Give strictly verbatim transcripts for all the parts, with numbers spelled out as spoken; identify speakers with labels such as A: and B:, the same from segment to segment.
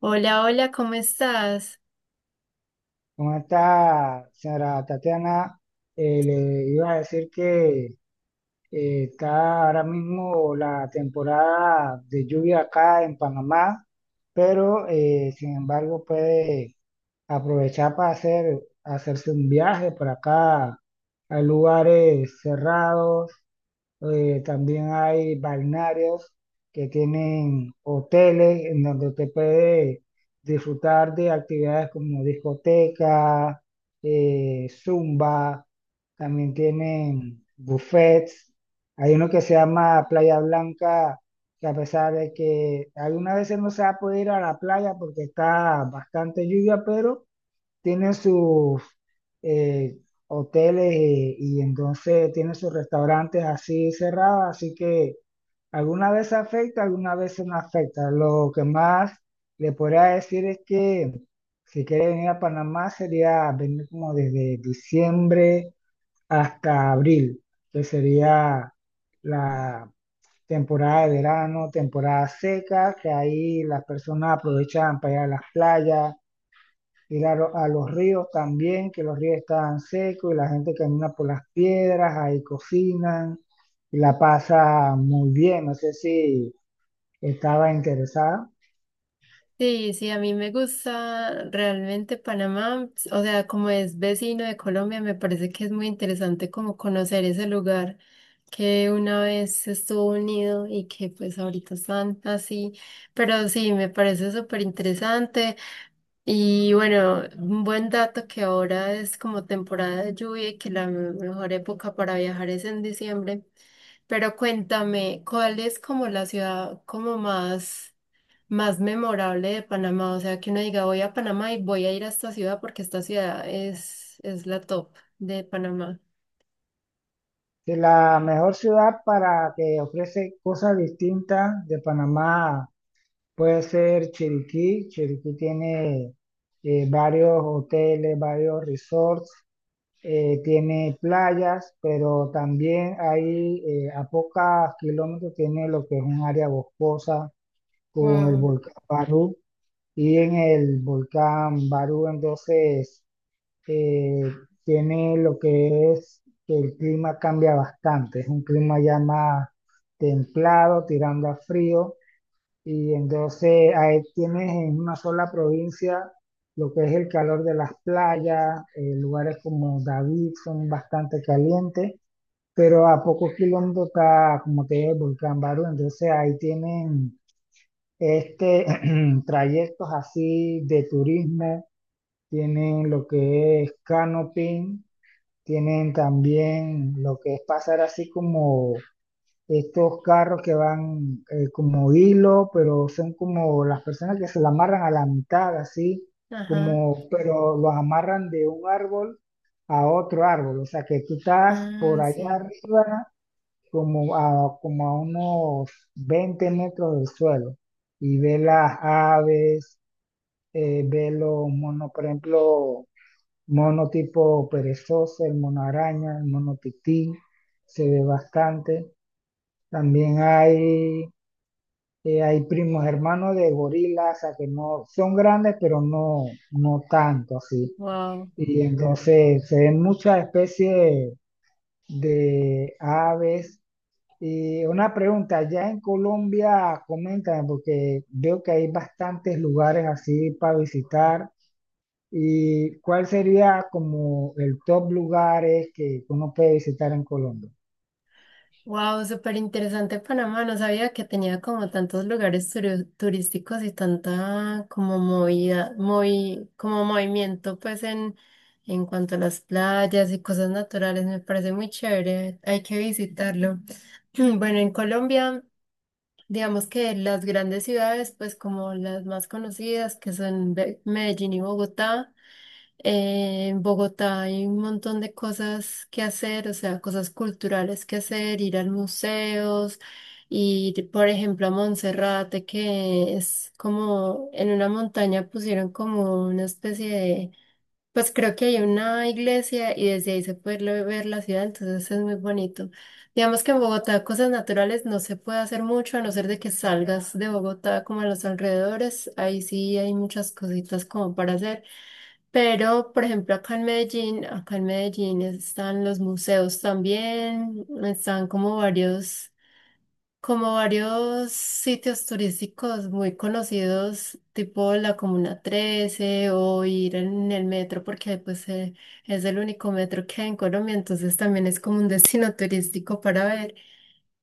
A: Hola, hola, ¿cómo estás?
B: Con esta señora Tatiana, eh, le iba a decir que eh, está ahora mismo la temporada de lluvia acá en Panamá, pero eh, sin embargo puede aprovechar para hacer, hacerse un viaje por acá a lugares cerrados, eh, también hay balnearios que tienen hoteles en donde te puede disfrutar de actividades como discoteca, eh, zumba, también tienen buffets. Hay uno que se llama Playa Blanca, que a pesar de que algunas veces no se va a poder ir a la playa porque está bastante lluvia, pero tienen sus eh, hoteles, eh, y, entonces tienen sus restaurantes así cerrados, así que alguna vez afecta, alguna vez no afecta. Lo que más le podría decir es que si quiere venir a Panamá sería venir como desde diciembre hasta abril, que sería la temporada de verano, temporada seca, que ahí las personas aprovechan para ir a las playas, ir a, lo- a los ríos también, que los ríos estaban secos y la gente camina por las piedras, ahí cocinan y la pasa muy bien. No sé si estaba interesada.
A: Sí, sí, a mí me gusta realmente Panamá, o sea, como es vecino de Colombia, me parece que es muy interesante como conocer ese lugar que una vez estuvo unido y que pues ahorita están así, pero sí, me parece súper interesante. Y bueno, un buen dato que ahora es como temporada de lluvia y que la mejor época para viajar es en diciembre. Pero cuéntame, ¿cuál es como la ciudad como más, más memorable de Panamá? O sea, que uno diga, voy a Panamá y voy a ir a esta ciudad porque esta ciudad es, es la top de Panamá.
B: Que la mejor ciudad para que ofrece cosas distintas de Panamá puede ser Chiriquí. Chiriquí tiene eh, varios hoteles, varios resorts, eh, tiene playas, pero también ahí eh, a pocos kilómetros tiene lo que es un área boscosa con el
A: Wow.
B: volcán Barú, y en el volcán Barú entonces eh, tiene lo que es que el clima cambia bastante, es un clima ya más templado, tirando a frío, y entonces ahí tienes en una sola provincia lo que es el calor de las playas. Eh, lugares como David son bastante calientes, pero a pocos kilómetros está, como te digo, el volcán Barú, entonces ahí tienen este trayectos así de turismo, tienen lo que es canoping, tienen también lo que es pasar así como estos carros que van, eh, como hilo, pero son como las personas que se la amarran a la mitad, así,
A: Ajá.
B: como, pero los amarran de un árbol a otro árbol, o sea que tú estás por
A: Ah,
B: allá
A: sí.
B: arriba, como a, como a unos veinte metros del suelo, y ves las aves, eh, ves los monos, por ejemplo, mono tipo perezoso, el mono araña, el mono tití, se ve bastante. También hay, eh, hay primos hermanos de gorilas, o sea, que no son grandes, pero no, no tanto así.
A: Wow.
B: Y entonces se ven muchas especies de aves. Y una pregunta, ya en Colombia, coméntame, porque veo que hay bastantes lugares así para visitar. ¿Y cuál sería como el top lugares que uno puede visitar en Colombia?
A: Wow, súper interesante Panamá. No sabía que tenía como tantos lugares turi- turísticos y tanta como movida, movi- como movimiento pues en, en cuanto a las playas y cosas naturales. Me parece muy chévere. Hay que visitarlo. Bueno, en Colombia, digamos que las grandes ciudades, pues como las más conocidas, que son Be- Medellín y Bogotá. Eh, en Bogotá hay un montón de cosas que hacer, o sea, cosas culturales que hacer, ir a museos, ir, por ejemplo, a Monserrate, que es como en una montaña pusieron como una especie de, pues creo que hay una iglesia y desde ahí se puede lo- ver la ciudad, entonces es muy bonito. Digamos que en Bogotá cosas naturales no se puede hacer mucho, a no ser de que salgas de Bogotá como a los alrededores, ahí sí hay muchas cositas como para hacer. Pero, por ejemplo, acá en Medellín, acá en Medellín están los museos también, están como varios, como varios sitios turísticos muy conocidos, tipo la Comuna trece o ir en el metro, porque pues eh, es el único metro que hay en Colombia, entonces también es como un destino turístico para ver.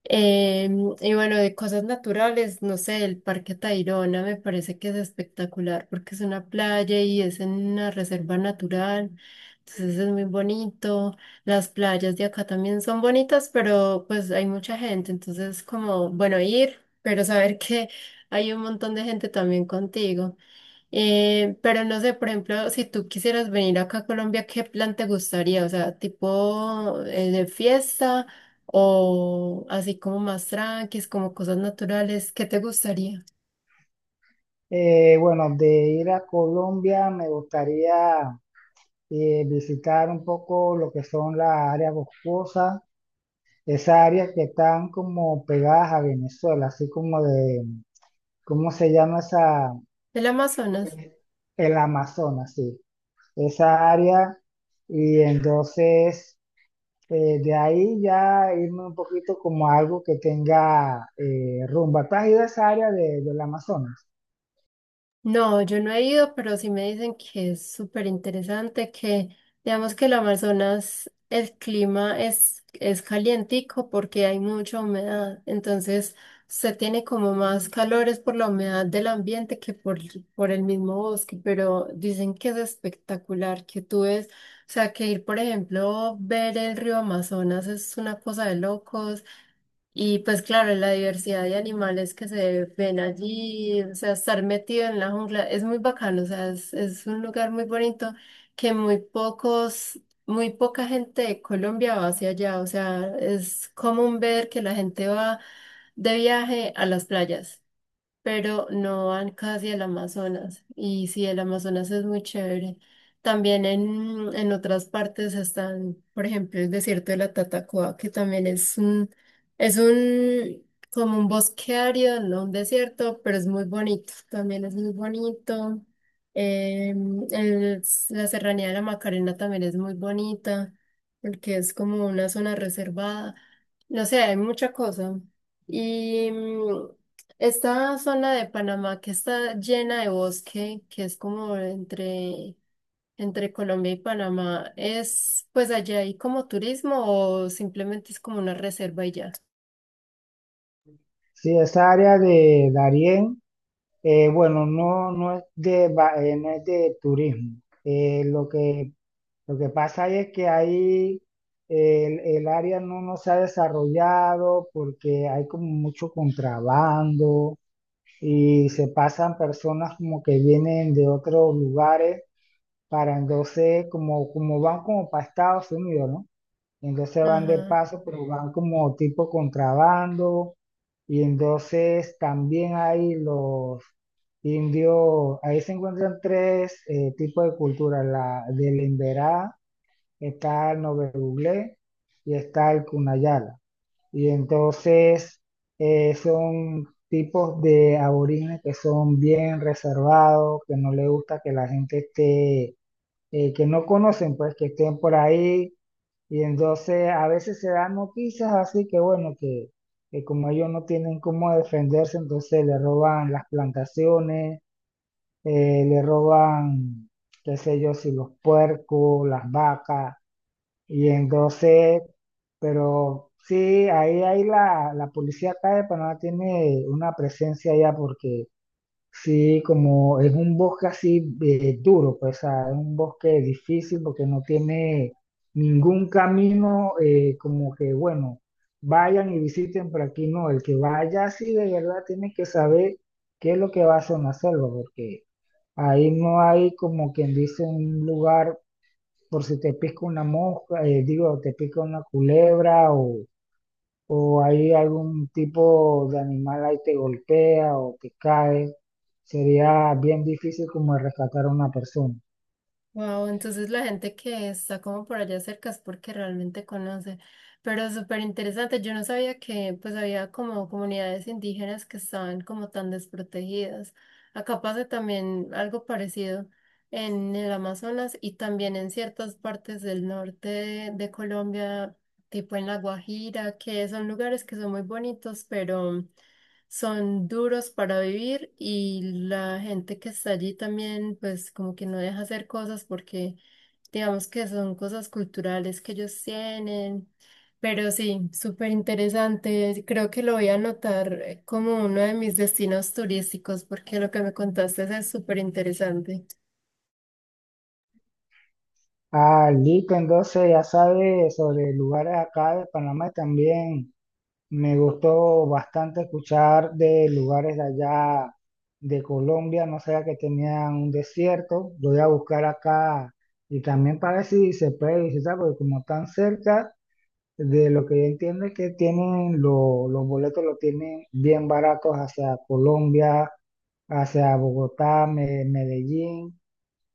A: Em, y bueno, de cosas naturales, no sé, el Parque Tayrona me parece que es espectacular porque es una playa y es en una reserva natural, entonces es muy bonito. Las playas de acá también son bonitas, pero pues hay mucha gente, entonces como, bueno, ir, pero saber que hay un montón de gente también contigo. Eh, pero no sé, por ejemplo, si tú quisieras venir acá a Colombia, ¿qué plan te gustaría? O sea, tipo eh, de fiesta o así como más tranquis, como cosas naturales, ¿qué te gustaría?
B: Eh, bueno, de ir a Colombia me gustaría eh, visitar un poco lo que son las áreas boscosas, esas áreas que están como pegadas a Venezuela, así como de, ¿cómo se llama esa?
A: ¿El Amazonas?
B: El Amazonas, sí, esa área. Y entonces, eh, de ahí ya irme un poquito como a algo que tenga eh, rumba. ¿Tú has ido a esa área de, del Amazonas?
A: No, yo no he ido, pero sí me dicen que es súper interesante, que digamos que el Amazonas, el clima es, es calientico porque hay mucha humedad, entonces se tiene como más calores por la humedad del ambiente que por, por el mismo bosque, pero dicen que es espectacular, que tú ves, o sea, que ir, por ejemplo, ver el río Amazonas es una cosa de locos. Y pues claro, la diversidad de animales que se ven allí, o sea, estar metido en la jungla es muy bacano, o sea, es, es un lugar muy bonito que muy pocos, muy poca gente de Colombia va hacia allá, o sea, es común ver que la gente va de viaje a las playas pero no van casi al Amazonas. Y sí, el Amazonas es muy chévere. También en, en otras partes están, por ejemplo, el desierto de la Tatacoa, que también es un, es un, como un bosque árido, no un desierto, pero es muy bonito. También es muy bonito. Em, el- la serranía de la Macarena también es muy bonita, porque es como una zona reservada. No sé, hay mucha cosa. Y, mm, esta zona de Panamá que está llena de bosque, que es como entre, entre Colombia y Panamá, ¿es pues allá hay como turismo o simplemente es como una reserva y ya?
B: Sí, esa área de Darién, eh, bueno, no, no es de, va- eh, no es de turismo. Eh, lo que Lo que pasa es que ahí el, el área no, no se ha desarrollado porque hay como mucho contrabando y se pasan personas como que vienen de otros lugares para entonces, como, como van como para Estados Unidos, ¿no? Entonces van de
A: Ajá.
B: paso, pero van como tipo contrabando, y entonces también hay los indios, ahí se encuentran tres eh, tipos de cultura, la del emberá, está el Novebuglé y está el Cunayala. Y entonces eh, son tipos de aborígenes que son bien reservados, que no les gusta que la gente esté, eh, que no conocen, pues que estén por ahí. Y entonces a veces se dan noticias así que bueno, que, que como ellos no tienen cómo defenderse, entonces le roban las plantaciones, eh, le roban, qué sé yo, si los puercos, las vacas. Y entonces, pero sí, ahí, ahí la, la policía acá de Panamá tiene una presencia allá porque sí, como es un bosque así, eh, duro, pues o sea, es un bosque difícil porque no tiene ningún camino, eh, como que, bueno, vayan y visiten, pero aquí no, el que vaya así de verdad tiene que saber qué es lo que va a hacer en la selva, porque ahí no hay como quien dice un lugar por si te pica una mosca, eh, digo, te pica una culebra, o, o hay algún tipo de animal ahí te golpea o te cae, sería bien difícil como rescatar a una persona.
A: Wow, entonces la gente que está como por allá cerca es porque realmente conoce, pero súper interesante, yo no sabía que pues había como comunidades indígenas que estaban como tan desprotegidas. Acá pasa también algo parecido en el Amazonas y también en ciertas partes del norte de, de Colombia, tipo en La Guajira, que son lugares que son muy bonitos, pero son duros para vivir y la gente que está allí también, pues como que no deja hacer cosas porque digamos que son cosas culturales que ellos tienen. Pero sí, súper interesante. Creo que lo voy a anotar eh, como uno de mis destinos turísticos porque lo que me contaste es súper interesante.
B: Ah, listo, entonces ya sabes sobre lugares acá de Panamá también. Me gustó bastante escuchar de lugares de allá de Colombia, no sabía que tenían un desierto. Lo voy a buscar acá y también para ver si se puede visitar, porque como están cerca. De lo que yo entiendo es que tienen lo- los boletos los tienen bien baratos hacia Colombia, hacia Bogotá, Me- Medellín,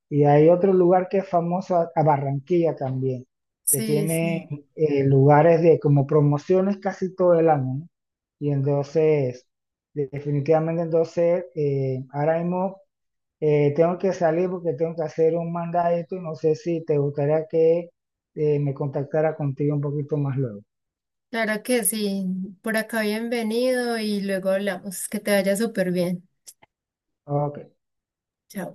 B: y hay otro lugar que es famoso, a a Barranquilla también, que
A: Sí, sí.
B: tiene eh, lugares de como promociones casi todo el año, ¿no? Y entonces, de- definitivamente entonces, eh, ahora mismo eh, tengo que salir porque tengo que hacer un mandadito y no sé si te gustaría que eh, me contactara contigo un poquito más luego.
A: Claro que sí. Por acá bienvenido y luego hablamos. Que te vaya súper bien.
B: Ok.
A: Chao.